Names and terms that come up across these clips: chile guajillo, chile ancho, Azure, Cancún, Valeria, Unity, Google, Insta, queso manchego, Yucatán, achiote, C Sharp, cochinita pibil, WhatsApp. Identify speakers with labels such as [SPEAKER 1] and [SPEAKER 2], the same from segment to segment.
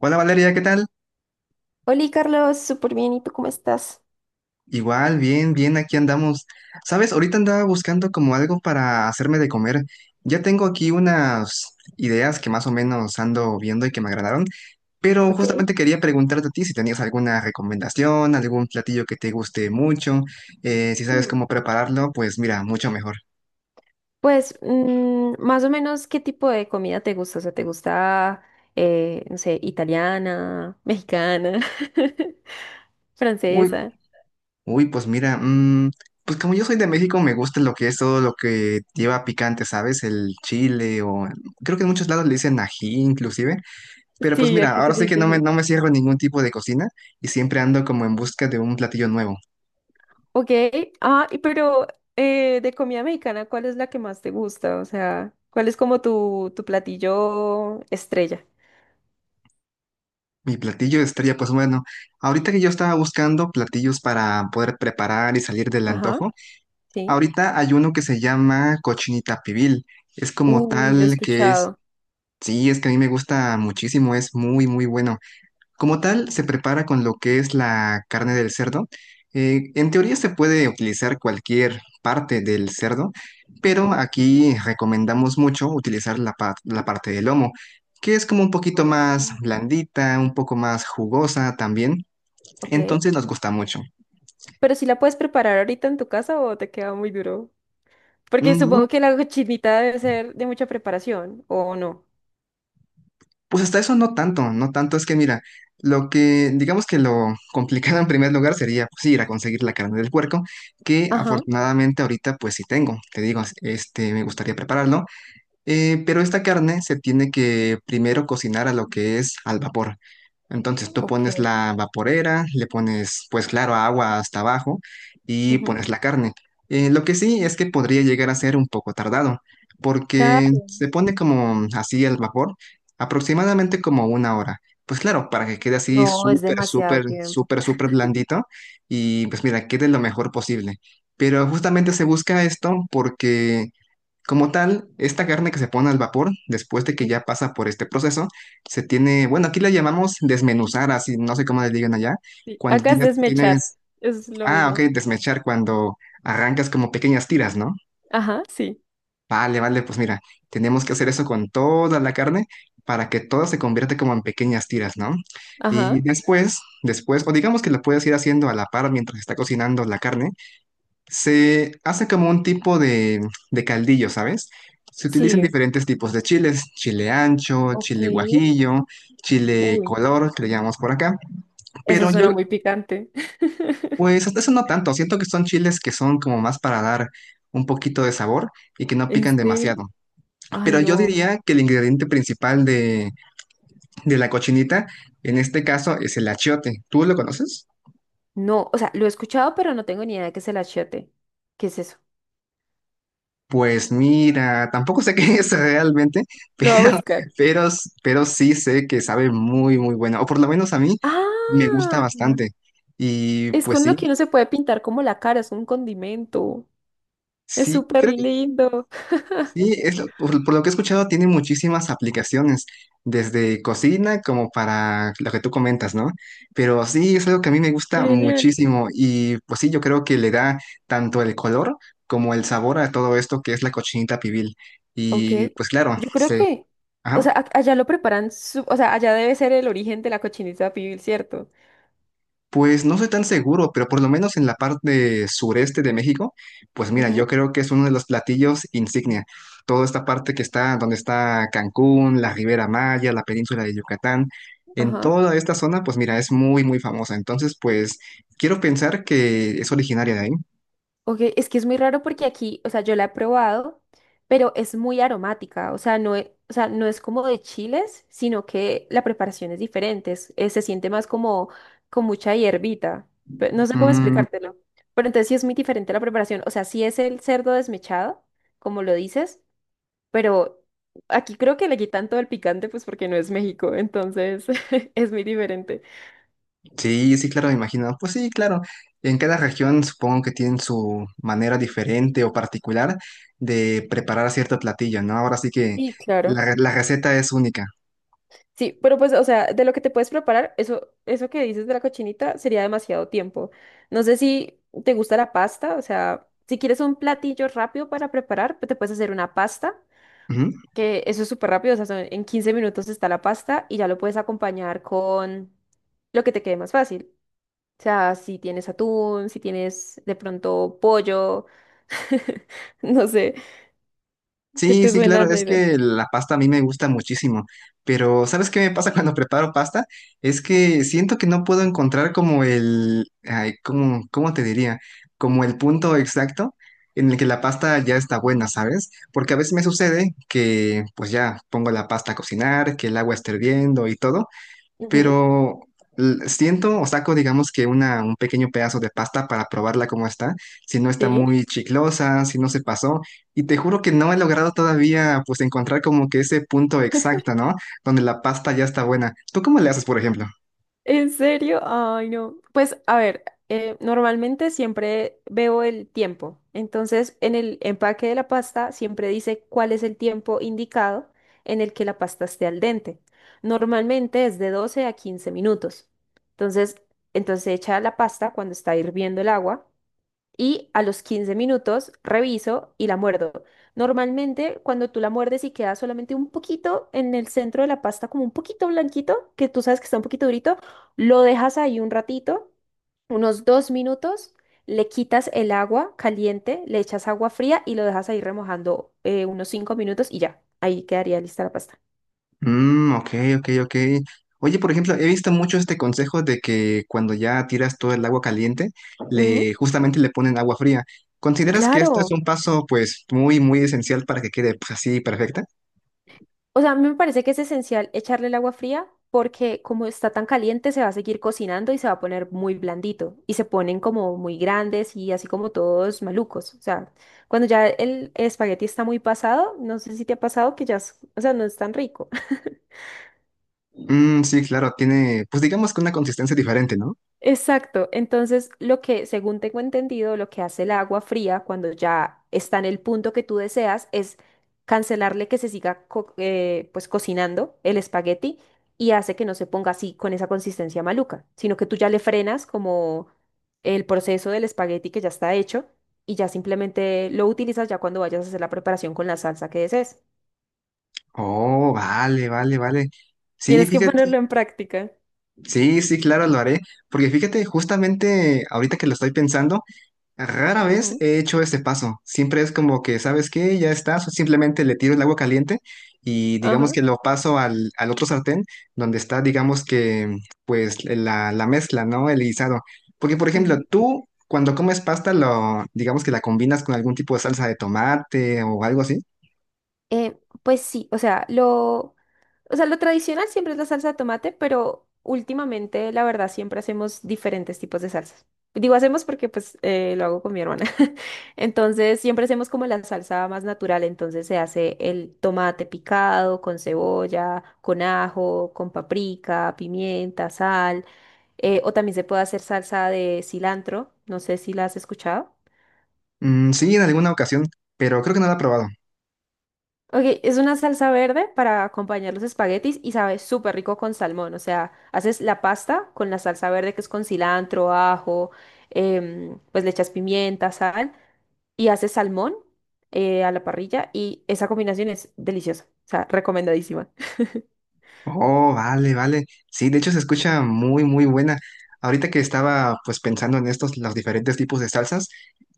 [SPEAKER 1] Hola Valeria, ¿qué tal?
[SPEAKER 2] Hola Carlos, súper bien, ¿y tú cómo estás?
[SPEAKER 1] Igual, bien, bien, aquí andamos. Sabes, ahorita andaba buscando como algo para hacerme de comer. Ya tengo aquí unas ideas que más o menos ando viendo y que me agradaron, pero
[SPEAKER 2] Ok.
[SPEAKER 1] justamente quería preguntarte a ti si tenías alguna recomendación, algún platillo que te guste mucho, si sabes
[SPEAKER 2] Mm.
[SPEAKER 1] cómo prepararlo, pues mira, mucho mejor.
[SPEAKER 2] Pues más o menos, ¿qué tipo de comida te gusta? O sea, ¿te gusta, no sé, italiana, mexicana,
[SPEAKER 1] Uy,
[SPEAKER 2] francesa?
[SPEAKER 1] Uy, pues mira, pues como yo soy de México, me gusta lo que es todo lo que lleva picante, ¿sabes? El chile o creo que en muchos lados le dicen ají inclusive. Pero pues
[SPEAKER 2] Sí,
[SPEAKER 1] mira,
[SPEAKER 2] aquí se
[SPEAKER 1] ahora
[SPEAKER 2] le
[SPEAKER 1] sí que
[SPEAKER 2] dice así.
[SPEAKER 1] no me cierro en ningún tipo de cocina y siempre ando como en busca de un platillo nuevo.
[SPEAKER 2] Ok, y pero de comida mexicana, ¿cuál es la que más te gusta? O sea, ¿cuál es como tu platillo estrella?
[SPEAKER 1] Mi platillo estrella, pues bueno, ahorita que yo estaba buscando platillos para poder preparar y salir del
[SPEAKER 2] Ajá,
[SPEAKER 1] antojo,
[SPEAKER 2] sí.
[SPEAKER 1] ahorita hay uno que se llama cochinita pibil. Es como
[SPEAKER 2] Uy, lo he
[SPEAKER 1] tal que es,
[SPEAKER 2] escuchado.
[SPEAKER 1] sí, es que a mí me gusta muchísimo, es muy, muy bueno. Como tal, se prepara con lo que es la carne del cerdo. En teoría se puede utilizar cualquier parte del cerdo, pero
[SPEAKER 2] Ujú.
[SPEAKER 1] aquí recomendamos mucho utilizar la, la parte del lomo, que es como un poquito más
[SPEAKER 2] Oh.
[SPEAKER 1] blandita, un poco más jugosa también,
[SPEAKER 2] Ok.
[SPEAKER 1] entonces nos gusta mucho.
[SPEAKER 2] Pero si la puedes preparar ahorita en tu casa o te queda muy duro. Porque
[SPEAKER 1] Mm,
[SPEAKER 2] supongo que la cochinita debe ser de mucha preparación, ¿o no?
[SPEAKER 1] Pues hasta eso no tanto, no tanto. Es que mira, lo que digamos que lo complicado en primer lugar sería pues, sí, ir a conseguir la carne del puerco, que
[SPEAKER 2] Ajá,
[SPEAKER 1] afortunadamente ahorita pues sí tengo. Te digo, este, me gustaría prepararlo, pero esta carne se tiene que primero cocinar a lo que es al vapor. Entonces tú pones
[SPEAKER 2] ok.
[SPEAKER 1] la vaporera, le pones, pues claro, agua hasta abajo y
[SPEAKER 2] Ujú.
[SPEAKER 1] pones la carne. Lo que sí es que podría llegar a ser un poco tardado, porque
[SPEAKER 2] Claro.
[SPEAKER 1] se pone como así al vapor, aproximadamente como una hora. Pues claro, para que quede así
[SPEAKER 2] No, es
[SPEAKER 1] súper,
[SPEAKER 2] demasiado
[SPEAKER 1] súper,
[SPEAKER 2] tiempo.
[SPEAKER 1] súper, súper blandito y pues mira, quede lo mejor posible. Pero justamente se busca esto porque como tal, esta carne que se pone al vapor, después de que ya pasa por este proceso, se tiene, bueno, aquí la llamamos desmenuzar, así, no sé cómo le digan allá,
[SPEAKER 2] Sí,
[SPEAKER 1] cuando
[SPEAKER 2] acá es
[SPEAKER 1] tienes,
[SPEAKER 2] desmechar.
[SPEAKER 1] tienes,
[SPEAKER 2] Es lo
[SPEAKER 1] ah, ok,
[SPEAKER 2] mismo.
[SPEAKER 1] desmechar, cuando arrancas como pequeñas tiras, ¿no?
[SPEAKER 2] Ajá, sí.
[SPEAKER 1] Vale, vale, pues mira, tenemos que hacer eso con toda la carne para que todo se convierta como en pequeñas tiras, ¿no? Y
[SPEAKER 2] Ajá,
[SPEAKER 1] después, o digamos que lo puedes ir haciendo a la par mientras está cocinando la carne, se hace como un tipo de caldillo, ¿sabes? Se utilizan
[SPEAKER 2] sí.
[SPEAKER 1] diferentes tipos de chiles, chile ancho,
[SPEAKER 2] Ok.
[SPEAKER 1] chile guajillo, chile
[SPEAKER 2] Uy,
[SPEAKER 1] color, que le llamamos por acá.
[SPEAKER 2] eso
[SPEAKER 1] Pero yo,
[SPEAKER 2] suena muy picante.
[SPEAKER 1] pues hasta eso no tanto, siento que son chiles que son como más para dar un poquito de sabor y que no
[SPEAKER 2] ¿En
[SPEAKER 1] pican
[SPEAKER 2] serio?
[SPEAKER 1] demasiado.
[SPEAKER 2] Ay,
[SPEAKER 1] Pero yo
[SPEAKER 2] no.
[SPEAKER 1] diría que el ingrediente principal de la cochinita, en este caso, es el achiote. ¿Tú lo conoces?
[SPEAKER 2] No, o sea, lo he escuchado, pero no tengo ni idea de qué es el achiote. ¿Qué es eso?
[SPEAKER 1] Pues mira, tampoco sé qué es realmente,
[SPEAKER 2] Lo voy a
[SPEAKER 1] pero,
[SPEAKER 2] buscar.
[SPEAKER 1] pero, pero sí sé que sabe muy, muy bueno, o por lo menos a mí me gusta
[SPEAKER 2] Ah.
[SPEAKER 1] bastante. Y
[SPEAKER 2] Es
[SPEAKER 1] pues
[SPEAKER 2] con
[SPEAKER 1] sí,
[SPEAKER 2] lo que uno se puede pintar como la cara, es un condimento. Es
[SPEAKER 1] sí,
[SPEAKER 2] súper
[SPEAKER 1] creo que
[SPEAKER 2] lindo.
[SPEAKER 1] sí, por lo que he escuchado tiene muchísimas aplicaciones, desde cocina como para lo que tú comentas, ¿no? Pero sí, es algo que a mí me
[SPEAKER 2] Qué
[SPEAKER 1] gusta
[SPEAKER 2] genial.
[SPEAKER 1] muchísimo y pues sí, yo creo que le da tanto el color como el sabor a todo esto que es la cochinita pibil.
[SPEAKER 2] Ok,
[SPEAKER 1] Y pues claro,
[SPEAKER 2] yo creo
[SPEAKER 1] sí.
[SPEAKER 2] que, o
[SPEAKER 1] Ajá.
[SPEAKER 2] sea, allá lo preparan, o sea, allá debe ser el origen de la cochinita pibil, ¿cierto?
[SPEAKER 1] Pues no soy tan seguro, pero por lo menos en la parte sureste de México, pues mira,
[SPEAKER 2] Ujú.
[SPEAKER 1] yo creo que es uno de los platillos insignia. Toda esta parte que está, donde está Cancún, la Ribera Maya, la península de Yucatán, en
[SPEAKER 2] Ajá.
[SPEAKER 1] toda esta zona, pues mira, es muy, muy famosa. Entonces, pues quiero pensar que es originaria de ahí.
[SPEAKER 2] Ok, es que es muy raro porque aquí, o sea, yo la he probado, pero es muy aromática, o sea, no es, o sea, no es como de chiles, sino que la preparación es diferente, se siente más como con mucha hierbita, no sé cómo
[SPEAKER 1] Mm,
[SPEAKER 2] explicártelo, pero entonces sí es muy diferente la preparación, o sea, sí es el cerdo desmechado, como lo dices, pero aquí creo que le quitan todo el picante, pues porque no es México, entonces es muy diferente.
[SPEAKER 1] sí, sí, claro, me imagino. Pues sí, claro. En cada región supongo que tienen su manera diferente o particular de preparar cierto platillo, ¿no? Ahora sí que...
[SPEAKER 2] Sí, claro.
[SPEAKER 1] La receta es única.
[SPEAKER 2] Sí, pero pues, o sea, de lo que te puedes preparar, eso que dices de la cochinita sería demasiado tiempo. No sé si te gusta la pasta, o sea, si quieres un platillo rápido para preparar, pues te puedes hacer una pasta,
[SPEAKER 1] Ujú.
[SPEAKER 2] que eso es súper rápido, o sea, en 15 minutos está la pasta y ya lo puedes acompañar con lo que te quede más fácil. O sea, si tienes atún, si tienes de pronto pollo, no sé, ¿qué
[SPEAKER 1] Sí,
[SPEAKER 2] te
[SPEAKER 1] sí,
[SPEAKER 2] suena
[SPEAKER 1] claro,
[SPEAKER 2] la
[SPEAKER 1] es
[SPEAKER 2] idea?
[SPEAKER 1] que la pasta a mí me gusta muchísimo, pero ¿sabes qué me pasa cuando preparo pasta? Es que siento que no puedo encontrar como el, ay, ¿cómo te diría? Como el punto exacto en el que la pasta ya está buena, ¿sabes? Porque a veces me sucede que pues ya pongo la pasta a cocinar, que el agua está hirviendo y todo.
[SPEAKER 2] Ujú.
[SPEAKER 1] Pero siento o saco, digamos, que una, un pequeño pedazo de pasta para probarla como está, si no está
[SPEAKER 2] Sí.
[SPEAKER 1] muy chiclosa, si no se pasó, y te juro que no he logrado todavía, pues, encontrar como que ese punto exacto, ¿no? Donde la pasta ya está buena. ¿Tú cómo le haces, por ejemplo?
[SPEAKER 2] ¿En serio? Ay, no. Pues a ver, normalmente siempre veo el tiempo. Entonces, en el empaque de la pasta siempre dice cuál es el tiempo indicado en el que la pasta esté al dente. Normalmente es de 12 a 15 minutos. Entonces, entonces se echa la pasta cuando está hirviendo el agua y a los 15 minutos reviso y la muerdo. Normalmente cuando tú la muerdes y queda solamente un poquito en el centro de la pasta, como un poquito blanquito, que tú sabes que está un poquito durito, lo dejas ahí un ratito, unos 2 minutos, le quitas el agua caliente, le echas agua fría y lo dejas ahí remojando unos 5 minutos y ya, ahí quedaría lista la pasta.
[SPEAKER 1] Mmm, ok, ok, ok. Oye, por ejemplo, he visto mucho este consejo de que cuando ya tiras todo el agua caliente,
[SPEAKER 2] Ujú.
[SPEAKER 1] le justamente le ponen agua fría. ¿Consideras que esto es
[SPEAKER 2] Claro.
[SPEAKER 1] un paso, pues, muy, muy esencial para que quede, pues, así perfecta?
[SPEAKER 2] O sea, a mí me parece que es esencial echarle el agua fría porque como está tan caliente se va a seguir cocinando y se va a poner muy blandito y se ponen como muy grandes y así como todos malucos. O sea, cuando ya el espagueti está muy pasado, no sé si te ha pasado que ya, o sea, no es tan rico.
[SPEAKER 1] Sí, claro, tiene, pues digamos que una consistencia diferente, ¿no?
[SPEAKER 2] Exacto. Entonces, lo que, según tengo entendido, lo que hace el agua fría cuando ya está en el punto que tú deseas es cancelarle que se siga pues cocinando el espagueti y hace que no se ponga así con esa consistencia maluca, sino que tú ya le frenas como el proceso del espagueti que ya está hecho y ya simplemente lo utilizas ya cuando vayas a hacer la preparación con la salsa que desees.
[SPEAKER 1] Oh, vale, vale, vale. Sí,
[SPEAKER 2] Tienes que
[SPEAKER 1] fíjate,
[SPEAKER 2] ponerlo en práctica.
[SPEAKER 1] sí, sí, claro, lo haré, porque fíjate, justamente ahorita que lo estoy pensando, rara vez
[SPEAKER 2] Ujú.
[SPEAKER 1] he hecho este paso. Siempre es como que, ¿sabes qué? Ya está, simplemente le tiro el agua caliente y digamos
[SPEAKER 2] Ajá.
[SPEAKER 1] que lo paso al otro sartén donde está, digamos que, pues la mezcla, ¿no? El guisado. Porque, por ejemplo,
[SPEAKER 2] Ujú.
[SPEAKER 1] tú... Cuando comes pasta, lo, digamos que la combinas con algún tipo de salsa de tomate o algo así.
[SPEAKER 2] Eh, pues sí, o sea, lo o sea, lo tradicional siempre es la salsa de tomate, pero últimamente, la verdad, siempre hacemos diferentes tipos de salsas. Digo, hacemos porque pues lo hago con mi hermana. Entonces, siempre hacemos como la salsa más natural. Entonces, se hace el tomate picado con cebolla, con ajo, con paprika, pimienta, sal. O también se puede hacer salsa de cilantro. No sé si la has escuchado.
[SPEAKER 1] Sí, en alguna ocasión, pero creo que no la he probado.
[SPEAKER 2] Ok, es una salsa verde para acompañar los espaguetis y sabe súper rico con salmón. O sea, haces la pasta con la salsa verde que es con cilantro, ajo, pues le echas pimienta, sal y haces salmón, a la parrilla, y esa combinación es deliciosa. O sea, recomendadísima.
[SPEAKER 1] Oh, vale, vale. Sí, de hecho se escucha muy, muy buena. Ahorita que estaba pues pensando en estos, los diferentes tipos de salsas,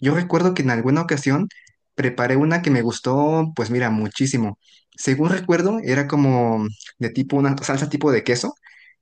[SPEAKER 1] yo recuerdo que en alguna ocasión preparé una que me gustó, pues mira, muchísimo. Según recuerdo, era como de tipo una salsa tipo de queso,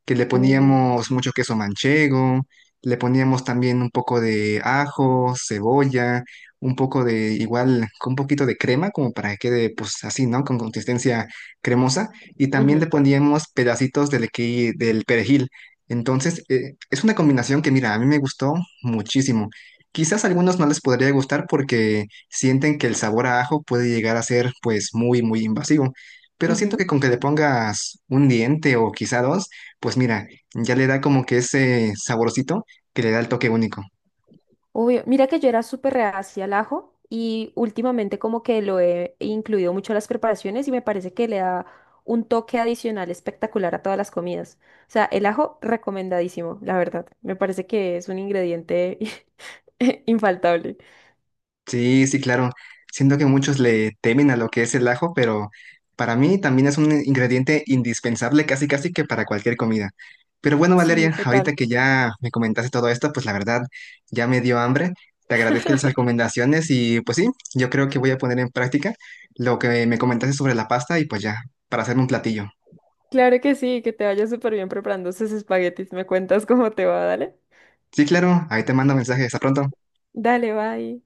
[SPEAKER 1] que le
[SPEAKER 2] Uh,
[SPEAKER 1] poníamos mucho queso manchego, le poníamos también un poco de ajo, cebolla, un poco de igual, con un poquito de crema, como para que quede pues así, ¿no? Con consistencia cremosa y también le
[SPEAKER 2] Ujú,
[SPEAKER 1] poníamos pedacitos del perejil. Entonces, es una combinación que, mira, a mí me gustó muchísimo. Quizás a algunos no les podría gustar porque sienten que el sabor a ajo puede llegar a ser, pues, muy, muy invasivo. Pero siento
[SPEAKER 2] ujú.
[SPEAKER 1] que con que le pongas un diente o quizá dos, pues mira, ya le da como que ese saborcito que le da el toque único.
[SPEAKER 2] Obvio, mira que yo era súper reacia al ajo y últimamente como que lo he incluido mucho a las preparaciones y me parece que le da un toque adicional espectacular a todas las comidas. O sea, el ajo recomendadísimo, la verdad. Me parece que es un ingrediente infaltable.
[SPEAKER 1] Sí, sí, claro. Siento que muchos le temen a lo que es el ajo, pero para mí también es un ingrediente indispensable casi casi que para cualquier comida. Pero bueno,
[SPEAKER 2] Sí,
[SPEAKER 1] Valeria, ahorita
[SPEAKER 2] total.
[SPEAKER 1] que ya me comentaste todo esto, pues la verdad ya me dio hambre. Te agradezco las recomendaciones y pues sí, yo creo que voy a poner en práctica lo que me comentaste sobre la pasta y pues ya, para hacer un platillo.
[SPEAKER 2] Claro que sí, que te vayas súper bien preparando esos espaguetis. Me cuentas cómo te va, dale.
[SPEAKER 1] Sí, claro, ahí te mando mensaje. Hasta pronto.
[SPEAKER 2] Dale, bye.